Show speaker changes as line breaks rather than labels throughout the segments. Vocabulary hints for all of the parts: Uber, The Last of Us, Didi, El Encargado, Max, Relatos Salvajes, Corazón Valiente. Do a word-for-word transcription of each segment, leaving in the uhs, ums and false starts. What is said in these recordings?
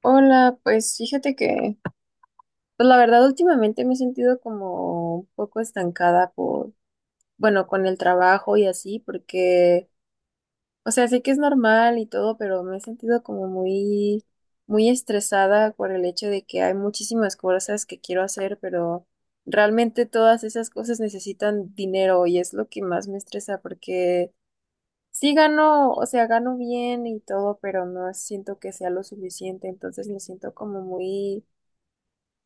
Hola, pues fíjate que, pues la verdad últimamente me he sentido como un poco estancada por, bueno, con el trabajo y así, porque, o sea, sé que es normal y todo, pero me he sentido como muy, muy estresada por el hecho de que hay muchísimas cosas que quiero hacer, pero realmente todas esas cosas necesitan dinero y es lo que más me estresa porque sí gano, o sea, gano bien y todo, pero no siento que sea lo suficiente, entonces me siento como muy,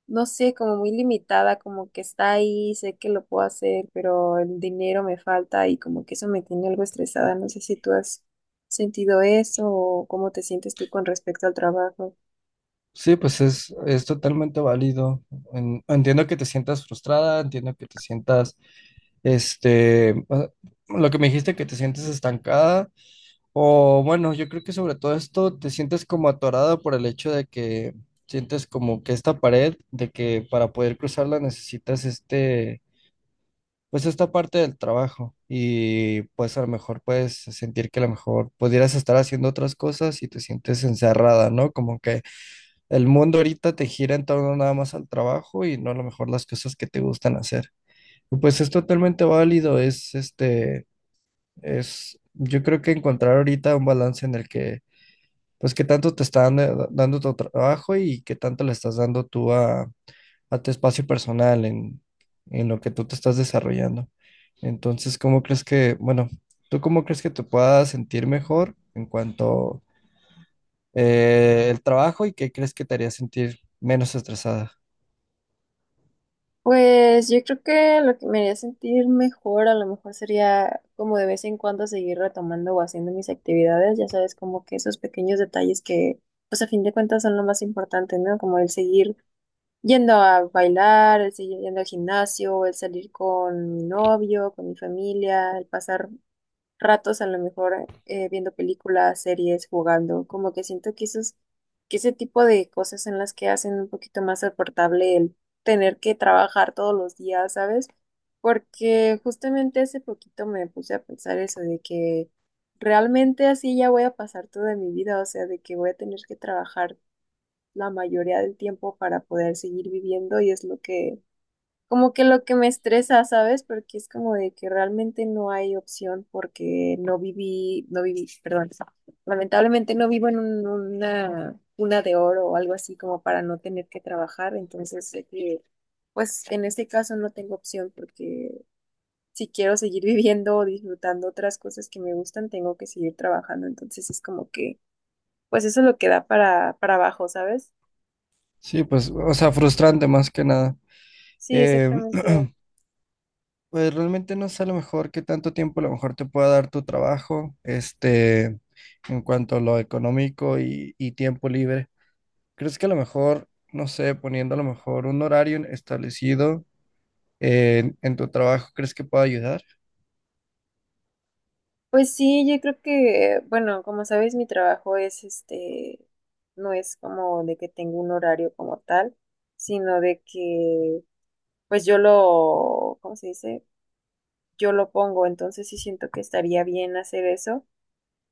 no sé, como muy limitada, como que está ahí, sé que lo puedo hacer, pero el dinero me falta y como que eso me tiene algo estresada. ¿No sé si tú has sentido eso o cómo te sientes tú con respecto al trabajo?
Sí, pues es, es totalmente válido. En- entiendo que te sientas frustrada, entiendo que te sientas, este, ah, lo que me dijiste, que te sientes estancada, o bueno, yo creo que sobre todo esto te sientes como atorada por el hecho de que sientes como que esta pared, de que para poder cruzarla necesitas este, pues esta parte del trabajo y pues a lo mejor puedes sentir que a lo mejor pudieras estar haciendo otras cosas y te sientes encerrada, ¿no? Como que el mundo ahorita te gira en torno nada más al trabajo y no a lo mejor las cosas que te gustan hacer. Y pues es totalmente válido, es este, es, yo creo que encontrar ahorita un balance en el que, pues qué tanto te está dando, dando tu trabajo y qué tanto le estás dando tú a, a tu espacio personal en, en lo que tú te estás desarrollando. Entonces, ¿cómo crees que, bueno, tú cómo crees que te puedas sentir mejor en cuanto eh, el trabajo y qué crees que te haría sentir menos estresada?
Pues yo creo que lo que me haría sentir mejor a lo mejor sería como de vez en cuando seguir retomando o haciendo mis actividades, ya sabes, como que esos pequeños detalles que pues a fin de cuentas son lo más importante, ¿no? Como el seguir yendo a bailar, el seguir yendo al gimnasio, el salir con mi novio, con mi familia, el pasar ratos a lo mejor eh, viendo películas, series, jugando, como que siento que esos, que ese tipo de cosas son las que hacen un poquito más soportable el tener que trabajar todos los días, ¿sabes? Porque justamente hace poquito me puse a pensar eso de que realmente así ya voy a pasar toda mi vida, o sea, de que voy a tener que trabajar la mayoría del tiempo para poder seguir viviendo y es lo que, como que lo que me estresa, ¿sabes? Porque es como de que realmente no hay opción porque no viví, no viví, perdón, lamentablemente no vivo en un- una cuna de oro o algo así como para no tener que trabajar, entonces sé que, pues en este caso no tengo opción porque... Si quiero seguir viviendo o disfrutando otras cosas que me gustan, tengo que seguir trabajando. Entonces es como que pues eso es lo que da para, para abajo, ¿sabes?
Sí, pues, o sea, frustrante más que nada.
Sí,
Eh,
exactamente.
pues realmente no sé a lo mejor qué tanto tiempo a lo mejor te pueda dar tu trabajo, este, en cuanto a lo económico y, y tiempo libre. ¿Crees que a lo mejor, no sé, poniendo a lo mejor un horario establecido en, en tu trabajo, crees que pueda ayudar?
Pues sí, yo creo que, bueno, como sabes, mi trabajo es este, no es como de que tengo un horario como tal, sino de que, pues yo lo, ¿cómo se dice? Yo lo pongo, entonces sí siento que estaría bien hacer eso,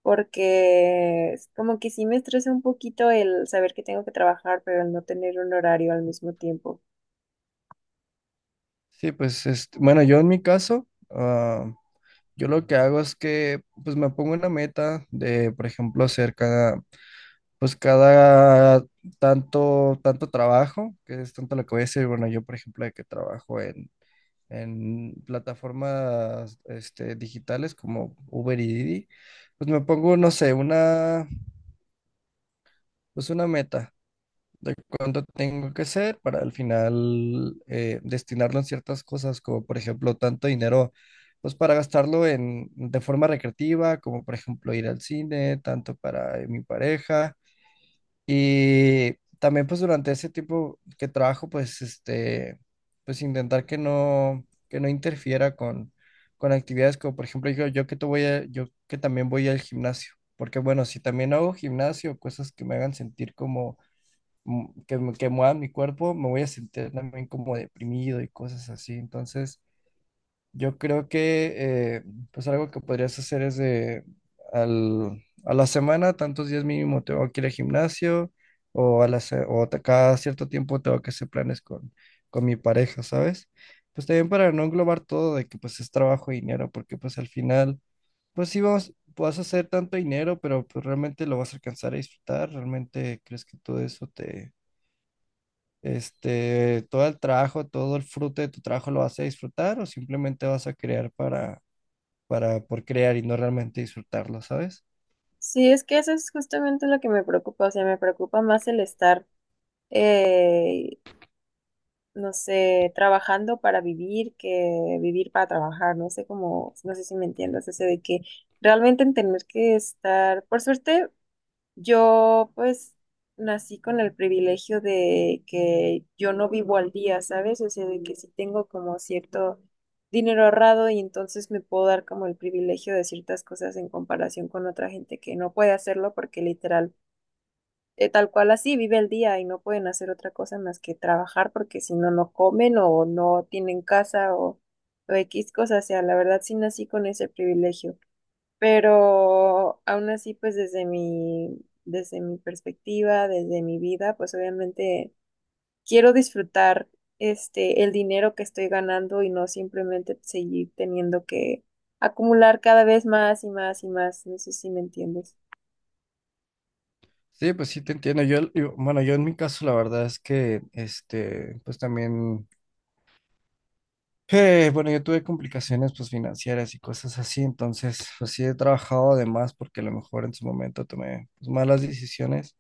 porque es como que sí me estresa un poquito el saber que tengo que trabajar, pero el no tener un horario al mismo tiempo.
Sí, pues, este, bueno, yo en mi caso, ah, yo lo que hago es que, pues, me pongo una meta de, por ejemplo, hacer cada pues cada tanto, tanto trabajo, que es tanto lo que voy a decir, bueno, yo por ejemplo de que trabajo en, en plataformas este, digitales como Uber y Didi, pues me pongo, no sé, una, pues una meta de cuánto tengo que hacer para al final eh, destinarlo en ciertas cosas, como por ejemplo tanto dinero. Pues para gastarlo en, de forma recreativa, como por ejemplo ir al cine, tanto para eh, mi pareja. Y también pues durante ese tiempo que trabajo, pues este, pues intentar que no, que no interfiera con, con actividades como por ejemplo yo, yo que te voy a- yo que también voy al gimnasio, porque bueno, si también hago gimnasio, cosas que me hagan sentir como mm, que, me- que muevan mi cuerpo, me voy a sentir también como deprimido y cosas así. Entonces, yo creo que eh, pues algo que podrías hacer es de al- a la semana, tantos días mínimo tengo que ir al gimnasio o, a la, se- o te- cada cierto tiempo tengo que hacer planes con, con mi pareja, ¿sabes? Pues también para no englobar todo de que pues es trabajo y dinero, porque pues al final, pues sí vas, vas a hacer tanto dinero, pero pues realmente lo vas a alcanzar a disfrutar, realmente crees que todo eso te... Este, todo el trabajo, todo el fruto de tu trabajo lo vas a disfrutar o simplemente vas a crear para, para por crear y no realmente disfrutarlo, ¿sabes?
Sí, es que eso es justamente lo que me preocupa, o sea, me preocupa más el estar. eh, no sé, trabajando para vivir que vivir para trabajar, no sé cómo, no sé si me entiendas, ese de que realmente en tener que estar, por suerte, yo pues nací con el privilegio de que yo no vivo al día, ¿sabes? O sea, de que sí tengo como cierto dinero ahorrado y entonces me puedo dar como el privilegio de ciertas cosas en comparación con otra gente que no puede hacerlo porque literal eh, tal cual así vive el día y no pueden hacer otra cosa más que trabajar porque si no, no comen o no tienen casa o, o X cosas. O sea, la verdad sí nací con ese privilegio. Pero aún así, pues desde mi, desde mi perspectiva, desde mi vida, pues obviamente quiero disfrutar este, el dinero que estoy ganando y no simplemente seguir teniendo que acumular cada vez más y más y más. No sé si me entiendes.
Sí, pues sí te entiendo. Yo, yo- bueno, yo en mi caso la verdad es que, este, pues también, eh, bueno, yo tuve complicaciones pues financieras y cosas así, entonces pues sí he trabajado además porque a lo mejor en su momento tomé pues, malas decisiones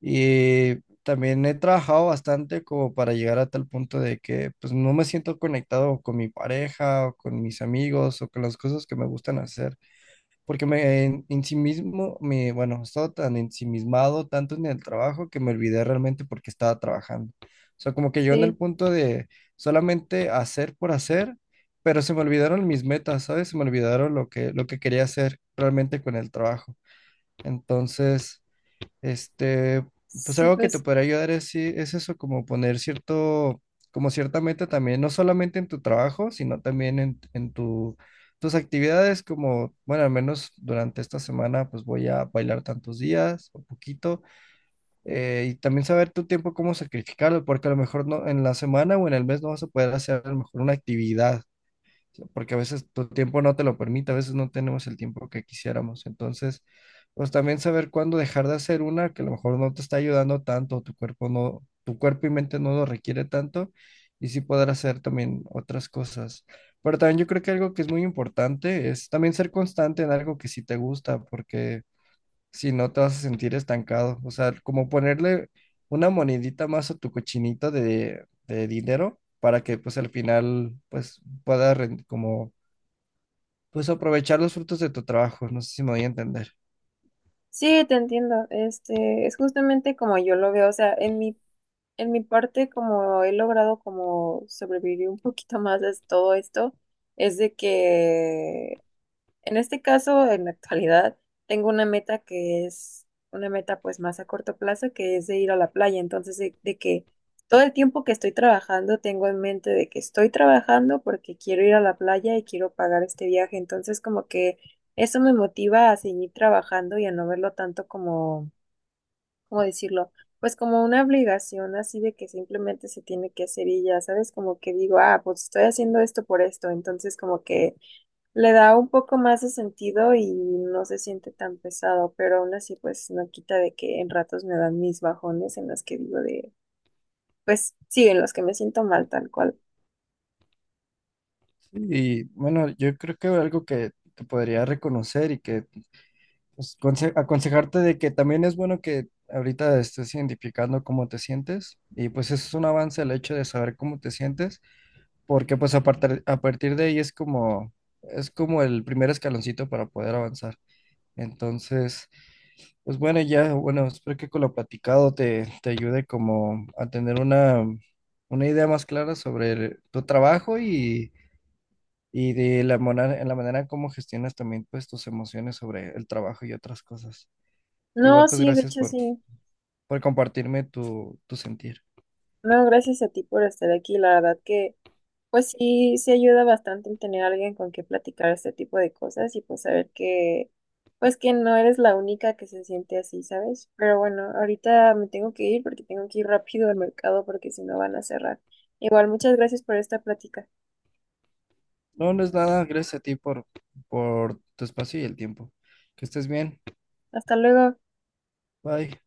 y también he trabajado bastante como para llegar a tal punto de que pues no me siento conectado con mi pareja o con mis amigos o con las cosas que me gustan hacer. Porque me en, en sí mismo, me, bueno, no estaba tan ensimismado tanto en el trabajo que me olvidé realmente porque estaba trabajando. O sea, como que yo en el
Sí,
punto de solamente hacer por hacer, pero se me olvidaron mis metas, ¿sabes? Se me olvidaron lo que, lo que quería hacer realmente con el trabajo. Entonces... Este, pues
sí,
algo que te
pues
podría ayudar es, sí- es eso, como poner cierto, como cierta meta también, no solamente en tu trabajo, sino también en, en tu, tus actividades, como, bueno, al menos durante esta semana, pues voy a bailar tantos días o poquito, eh, y también saber tu tiempo, cómo sacrificarlo, porque a lo mejor no, en la semana o en el mes no vas a poder hacer a lo mejor una actividad porque a veces tu tiempo no te lo permite, a veces no tenemos el tiempo que quisiéramos. Entonces, pues también saber cuándo dejar de hacer una que a lo mejor no te está ayudando tanto, tu cuerpo no, tu cuerpo y mente no lo requiere tanto, y sí poder hacer también otras cosas. Pero también yo creo que algo que es muy importante es también ser constante en algo que sí te gusta, porque si no te vas a sentir estancado. O sea, como ponerle una monedita más a tu cochinito de, de dinero para que pues al final pues puedas ren- como pues aprovechar los frutos de tu trabajo. No sé si me voy a entender.
sí, te entiendo. Este, es justamente como yo lo veo. O sea, en mi, en mi parte, como he logrado como sobrevivir un poquito más a todo esto, es de que en este caso, en la actualidad, tengo una meta que es una meta pues más a corto plazo, que es de ir a la playa. Entonces, de, de que todo el tiempo que estoy trabajando, tengo en mente de que estoy trabajando porque quiero ir a la playa y quiero pagar este viaje. Entonces, como que eso me motiva a seguir trabajando y a no verlo tanto como, ¿cómo decirlo? Pues como una obligación así de que simplemente se tiene que hacer y ya, ¿sabes? Como que digo, ah, pues estoy haciendo esto por esto. Entonces, como que... Le da un poco más de sentido y no se siente tan pesado, pero aún así pues no quita de que en ratos me dan mis bajones en los que digo de, pues sí, en los que me siento mal tal cual.
Sí. Y bueno, yo creo que algo que te podría reconocer y que pues, conse- aconsejarte de que también es bueno que ahorita estés identificando cómo te sientes y pues eso es un avance el hecho de saber cómo te sientes porque pues a partir, a partir de ahí es como, es como el primer escaloncito para poder avanzar. Entonces, pues bueno, ya, bueno, espero que con lo platicado te, te ayude como a tener una, una idea más clara sobre el- tu trabajo y, y de la, mona- en la manera en cómo gestionas también pues tus emociones sobre el trabajo y otras cosas.
No,
Igual pues
sí, de
gracias
hecho
por,
sí.
por compartirme tu, tu sentir.
No, gracias a ti por estar aquí. La verdad que pues sí, sí ayuda bastante el tener a alguien con quien platicar este tipo de cosas y pues saber que, pues que no eres la única que se siente así, ¿sabes? Pero bueno, ahorita me tengo que ir porque tengo que ir rápido al mercado porque si no van a cerrar. Igual, muchas gracias por esta plática.
No, no es nada, gracias a ti por, por tu espacio y el tiempo. Que estés bien.
Hasta luego.
Bye.